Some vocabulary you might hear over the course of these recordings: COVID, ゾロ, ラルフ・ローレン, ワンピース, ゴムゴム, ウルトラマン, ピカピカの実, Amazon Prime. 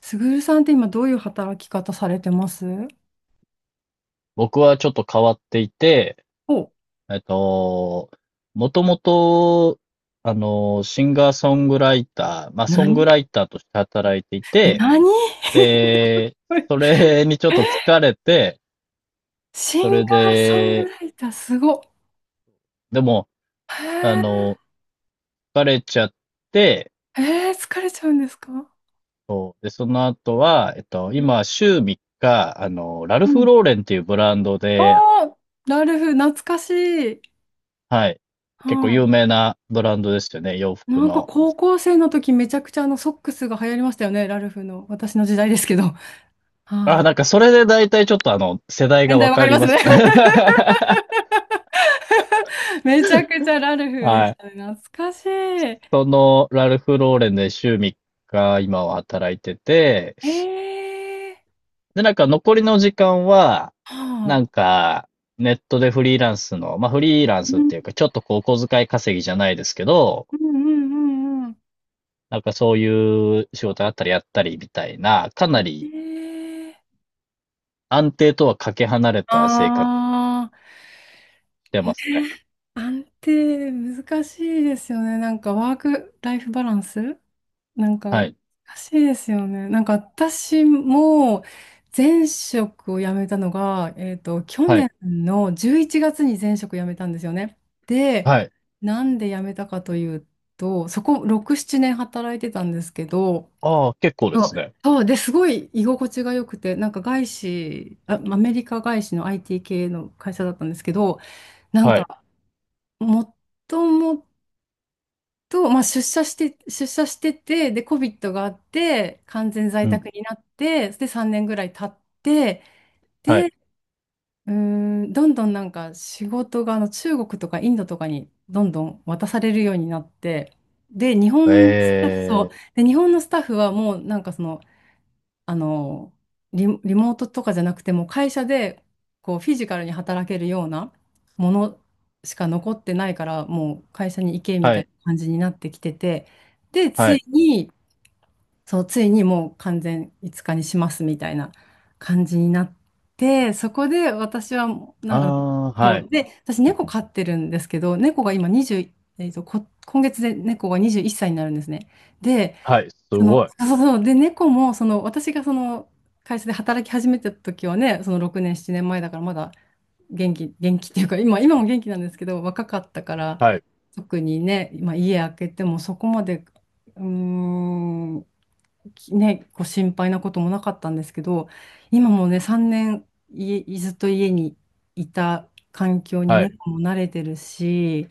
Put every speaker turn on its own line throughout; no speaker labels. すぐるさんって今どういう働き方されてます？
僕はちょっと変わっていて、
お、
えっと、もともと、シンガーソングライター、まあ、ソング
何？
ライターとして働いていて、
何？
で、そ れにちょっと疲れて、
シ
そ
ン
れ
ガーソング
で、
ライター、すごっ。
でも、あ
へ
の、疲れちゃって、
え、へえ、疲れちゃうんですか？
そうで、その後は、今、週3日、ラル
う
フ・
ん。
ローレンっていうブランド
あ
で、
あ、ラルフ、懐かしい。
はい、結構有
は
名なブランドですよね、洋
い。な
服
んか
の。
高校生の時めちゃくちゃソックスが流行りましたよね、ラルフの。私の時代ですけど。
あ、
は
なん
い。
かそれで大体ちょっと世代
年
が
代
わ
わか
か
り
り
ます
ま
ね。
すね。
めちゃくちゃラルフで
は
し
い。
たね。懐かしい。
その、ラルフローレンで週3日今は働いてて、
へえ。
で、なんか残りの時間は、な
は
ん
あ。
か、ネットでフリーランスの、まあフリーランスっていうか、ちょっとこう、お小遣い稼ぎじゃないですけど、
うんうんうん
なんかそういう仕事あったりやったりみたいな、かな
う
り
ん。ええ。
安定とはかけ離れた生活
あ
してますね。
あ、安定難しいですよね。なんかワークライフバランスなん
は
か
い。
難しいですよね。なんか私も前職を辞めたのが、去
はい。
年の11月に前職辞めたんですよね。で、
はい。
なんで辞めたかというと、そこ6、7年働いてたんですけど、
ああ、結構で
そう、
すね。
そうで、すごい居心地が良くて、なんか外資、あ、アメリカ外資の IT 系の会社だったんですけど、なん
はい。
か、もともと、まあ、出社してて、で、COVID があって、完全在
うん。
宅になって、で、3年ぐらい経って、
はい。
うーん、どんどんなんか仕事が中国とかインドとかにどんどん渡されるようになって、で、日
え
本のスタッフ、そう
え、
で、日本のスタッフはもうなんかその、あの、リモートとかじゃなくても会社でこうフィジカルに働けるようなものしか残ってないからもう会社に行けみ
は
たい
い、
な感じになってきてて、でつ
は
い
い。
に、もう完全5日にしますみたいな感じになって、そこで私はもうな
あ
んか、
あ、
そ
は
う
い、
で私猫飼ってるんですけど、猫が今20、今月で猫が21歳になるんですね。で、
はい、す
そ
ご
の、
い。
そうそうそう。で、猫も、その、私がその、会社で働き始めた時はね、その6年、7年前だから、まだ元気、元気っていうか、今も元気なんですけど、若かったから、
はい、
特にね、今、家開けても、そこまで、うーん、こう心配なこともなかったんですけど、今もね、3年、家、ずっと家にいた環境に
はい。
猫も慣れてるし、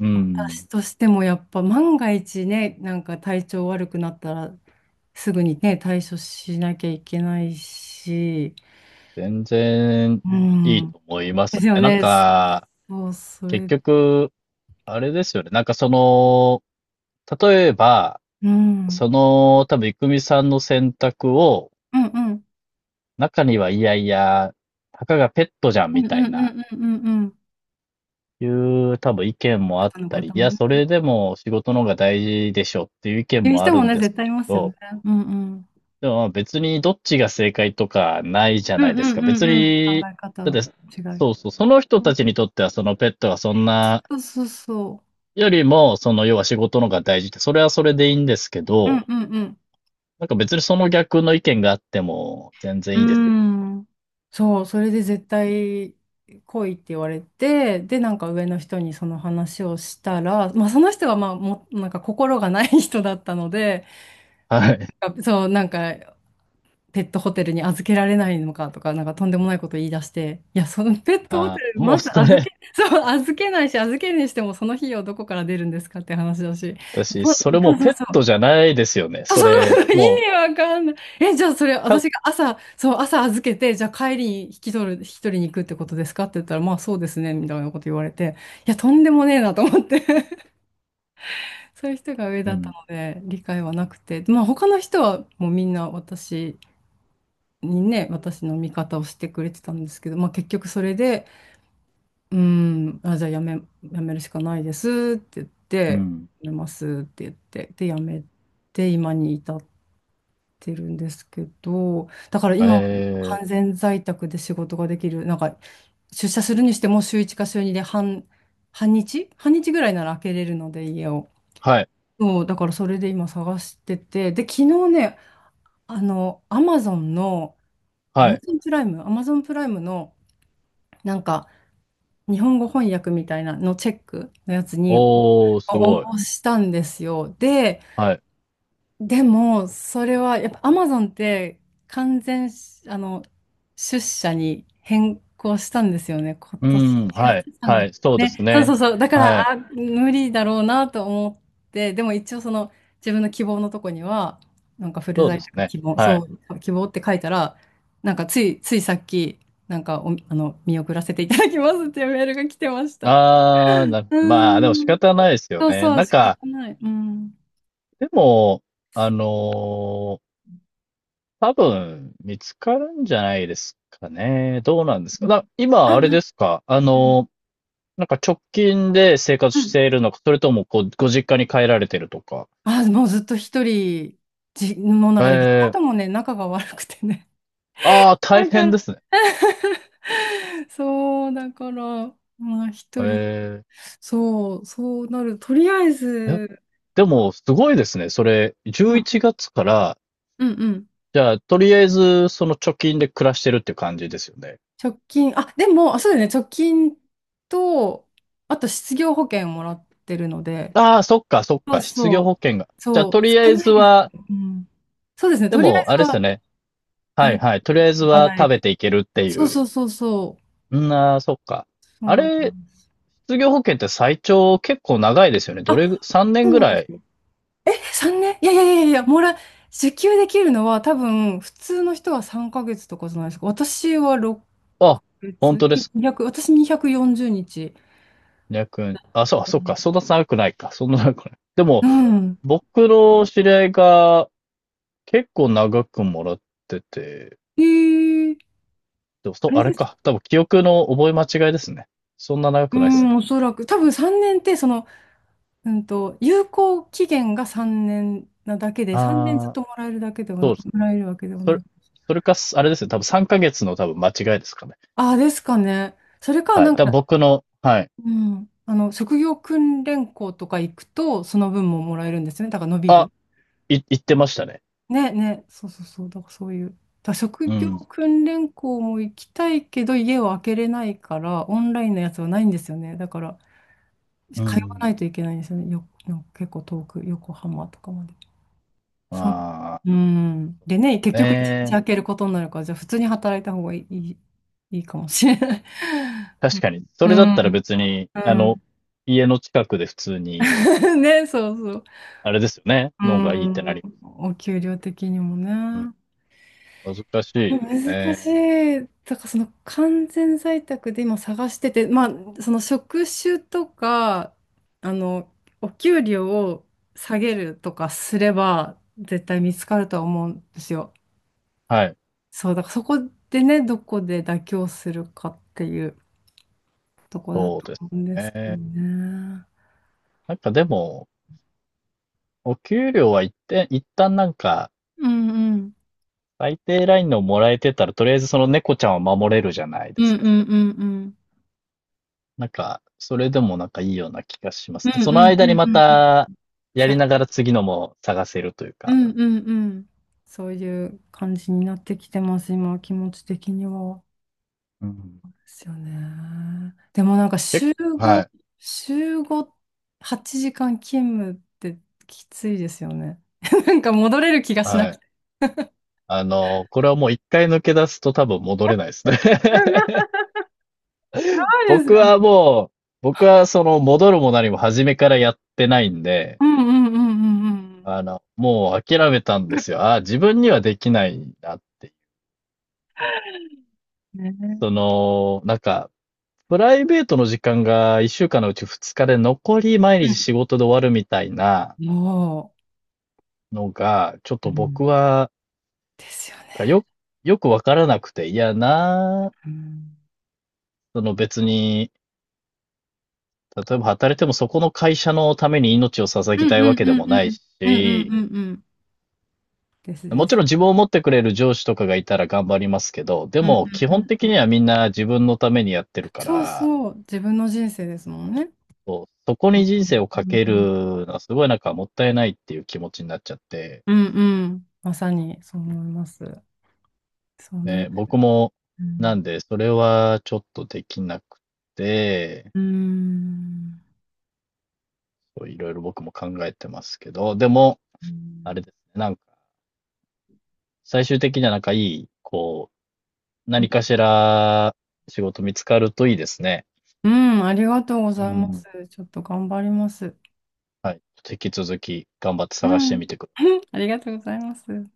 う
私
ん。
としてもやっぱ万が一ね、なんか体調悪くなったらすぐにね、対処しなきゃいけないし。
全然
う
いい
ん。
と思いま
で
す
すよ
ね。なん
ね。
か、
そう、そ
結
れ、
局、あれですよね。なんかその、例えば、
うん。う
そ
ん
の、多分、いくみさんの選択を、
うん。
中にはいやいや、たかがペットじゃん
う
み
んうん
たい
う
な、
んうんうんうん。
いう多分意見もあっ
方の
たり、
方
い
も
や、
ね。
それでも仕事の方が大事でしょっていう意見
いう
もあ
人も
るん
ね、
です
絶対
け
いますよね。
ど、
うんうん。
でもまあ別にどっちが正解とかないじゃ
うん
な
う
いですか。
んう
別
んうん。考
に、
え方
だっ
の
て、
違い。
そうそう、その人
う
た
ん、
ちにとってはそのペットがそんな、
そうそうそ
よりも、その要は仕事の方が大事って、それはそれでいいんですけ
う。うん
ど、
うんうん。
なんか別にその逆の意見があっても全
う
然
ー
いいです。
ん。そう、それで絶対来いって言われて、で、なんか上の人にその話をしたら、まあその人はまあも、なんか心がない人だったので、
はい。
なんかそう、なんかペットホテルに預けられないのかとか、なんかとんでもないこと言い出して、いや、そのペットホテ
あー、
ル、
もう
まず
そ
預け、
れ、
そう、預けないし、預けるにしてもその費用どこから出るんですかって話だし、
私、
そう
それもう
そ
ペ
う
ッ
そ
トじ
う
ゃないですよね。
そう
それ、
そう、意
もう、
味わかんない。え、じゃあそれ、私
か
が朝、そう、朝預けて、じゃあ帰りに引き取りに行くってことですかって言ったら、まあそうですね、みたいなこと言われて、いや、とんでもねえなと思って そういう人が上
う
だった
ん、
ので、理解はなくて、まあ他の人はもうみんな私にね、私の味方をしてくれてたんですけど、まあ結局それで、うーん、あ、じゃあやめ、やめるしかないですって言っ
う
て、
ん。
やめますって言って、で、やめて、今に至ってるんですけど、だから
え
今は
ー
完全在宅で仕事ができる、なんか出社するにしても週1か週2で半日半日ぐらいなら開けれるので家を。
はい、
そう、だからそれで今探してて、で、昨日ね、アマゾンの、
はい。
アマゾンプライムの、なんか、日本語翻訳みたいなのチェックのやつに
おー、す
応
ごい。
募したんですよ。で、
はい。
でも、それは、やっぱアマゾンって完全し、あの、出社に変更したんですよね。今
う
年
ん、
1
はい、
月3月。さんが
は
つ
い、そうです
ね、そうそ
ね。
うそう。だか
はい。
ら、あ、無理だろうなと思って、でも一応その自分の希望のとこには、なんかフル
そうで
在
す
宅
ね。
希望、
は
そ
い。
う、希望って書いたら、ついさっき、なんかお、あの、見送らせていただきますっていうメールが来てました。
ああ、な、
う
まあ、でも仕
ーん。
方ないですよ
そう
ね。
そう、
なん
仕方
か、
ない。うん。
でも、あのー多分見つかるんじゃないですかね。どうなんです
う
か。
ん、
な、今、
あ、う
あれ
ん。
ですか。なんか直近で生活
う
し
ん。
ているのか、それともこう、ご実家に帰られてるとか。
あ、もうずっと一人、もうなんかね、実家
ええ、
ともね、仲が悪くてね。
ああ、大
だか
変
ら、
ですね。
そう、だから、まあ一人、
え、
そう、そうなる。とりあえ
ええ、
ず、
でも、すごいですね。それ、
う
11
ん
月から、
うんうん。
じゃあ、とりあえず、その貯金で暮らしてるって感じですよね。
直近、あ、でも、あ、そうだよね、直近と、あと失業保険もらってるので、
ああ、そっか、そっ
そう
か。失
そ
業
う。
保険が。じゃあ、
そ
と
う、
りあ
少
え
な
ず
いです。
は、
うん。そうですね、
で
とりあえ
も、あれ
ず
ですよ
は
ね。はい、
大丈
はい。とりあえず
夫、
は
賄え
食べ
てる。
ていけるってい
そう
う。
そうそうそう、
うん、ああ、そっか。
そう
あ
なん
れ、
です。
失業保険って最長結構長いですよね。ど
あ、
れぐ、3年
そう
ぐ
なんで
ら
す。
い。
3年、いやいやいやいや、受給できるのは多分、普通の人は3ヶ月とかじゃないですか。私は6
あ、
ヶ
本
月、
当ですか。
200、私240日。
200円。あ、そう、そっか。そんな長くないか。そんな長くない。で
う
も、
ん。
僕の知り合いが結構長くもらってて、
えー、
でもそ
あ
う、
れ
あれ
です。
か。多分記憶の覚え間違いですね。そんな長
う
くないです
ん、
ね。
おそらく。多分3年って、その、有効期限が3年なだけで、3年ずっ
あ
と
あ、
もらえるだけでは、
そ
も
うです。
らえるわけでは
そ
な
れ、
い。
それかあれですね、多分3ヶ月の多分間違いですかね。
ああ、ですかね。それか、
は
な
い。
ん
多分
か、
僕の、はい。
うん、職業訓練校とか行くと、その分ももらえるんですよね。だから伸び
あ、
る。
い、言ってましたね。
ね、そうそうそう、だからそういう。だから職
う
業
ん。
訓練校も行きたいけど、家を開けれないから、オンラインのやつはないんですよね。だから、
う
通わな
ん。
いといけないんですよね。結構遠く、横浜とかまで。
ま
そん
あ、
うん。でね、結局一日
ね、
開けることになるから、じゃあ普通に働いた方がいいかもしれない。う
確
ん。
かに。そ
う
れだったら
ん。
別に、
うん
家の近くで普通 に、
ね、そうそう。
あれですよね。
う
のがいいってな
ん。
ります。
お給料的にもね。
うん。難しいです
難し
ね。
い。だからその完全在宅で今探してて、まあその職種とか、あの、お給料を下げるとかすれば絶対見つかるとは思うんですよ。
はい。
そう、だからそこでね、どこで妥協するかっていうとこだ
そう
と
です
思うんですけど
ね。
ね。
なんかでも、お給料は一定、一旦なんか、
うんうん。
最低ラインのもらえてたら、とりあえずその猫ちゃんを守れるじゃない
う
で
ん
す
う
か。
んうんうん。
なんか、それでもなんかいいような気がしま
う
す。
ん
その
うんう
間に
ん
ま
うんうん。
た、や
さ、
りながら次のも探せるという
う
か。
んうんうん。そういう感じになってきてます、今、気持ち的には。
うん。
ですよね。でもなんか
結構は
5、
い、
週5、8時間勤務ってきついですよね。なんか戻れる気がしな
は
く
い。
て。
あの、これはもう一回抜け出すと多分戻れないですね。
うん、や ばいです
僕
よね。
はもう、僕はその戻るも何も初めからやってないんで、
うんうんうんうん
あの、もう諦めたんですよ。ああ、自分にはできないなって。
うん。ね。
その、なんか、プライベートの時間が一週間のうち二日で残り毎
う
日
ん、
仕事で終わるみたいな、
も
のが、ちょっ
う、う
と僕
ん、
は、
ですよね。
よ、よくわからなくて、いやな、
うん、
その別に、例えば働いてもそこの会社のために命を捧
う
ぎた
ん
いわ
うん
けで
う
も
んう
ない
んうんうん
し、
うんうん、ですで
もち
す。
ろん自分を持ってくれる上司とかがいたら頑張りますけど、で
うん
も基
うんう
本
んう
的に
ん。
はみんな自分のためにやってるか
そう
ら、
そう、自分の人生ですもんね。
そう、そこに人生をか
う
け
ん
るのはすごいなんかもったいないっていう気持ちになっちゃって、
うんうん。まさにそう思います。その、
ね、僕も
う
な
ん、
んでそれはちょっとできなくて、
うーん。
こういろいろ僕も考えてますけど、でも、
う
あれ
ん
ですね、なんか、最終的にはなんかいい、こう、何かしら仕事見つかるといいですね。
うん、ありがとうご
う
ざいます。
ん。
ちょっと頑張ります。
はい。引き続き頑張って
う
探して
ん。
みてください。
ありがとうございます。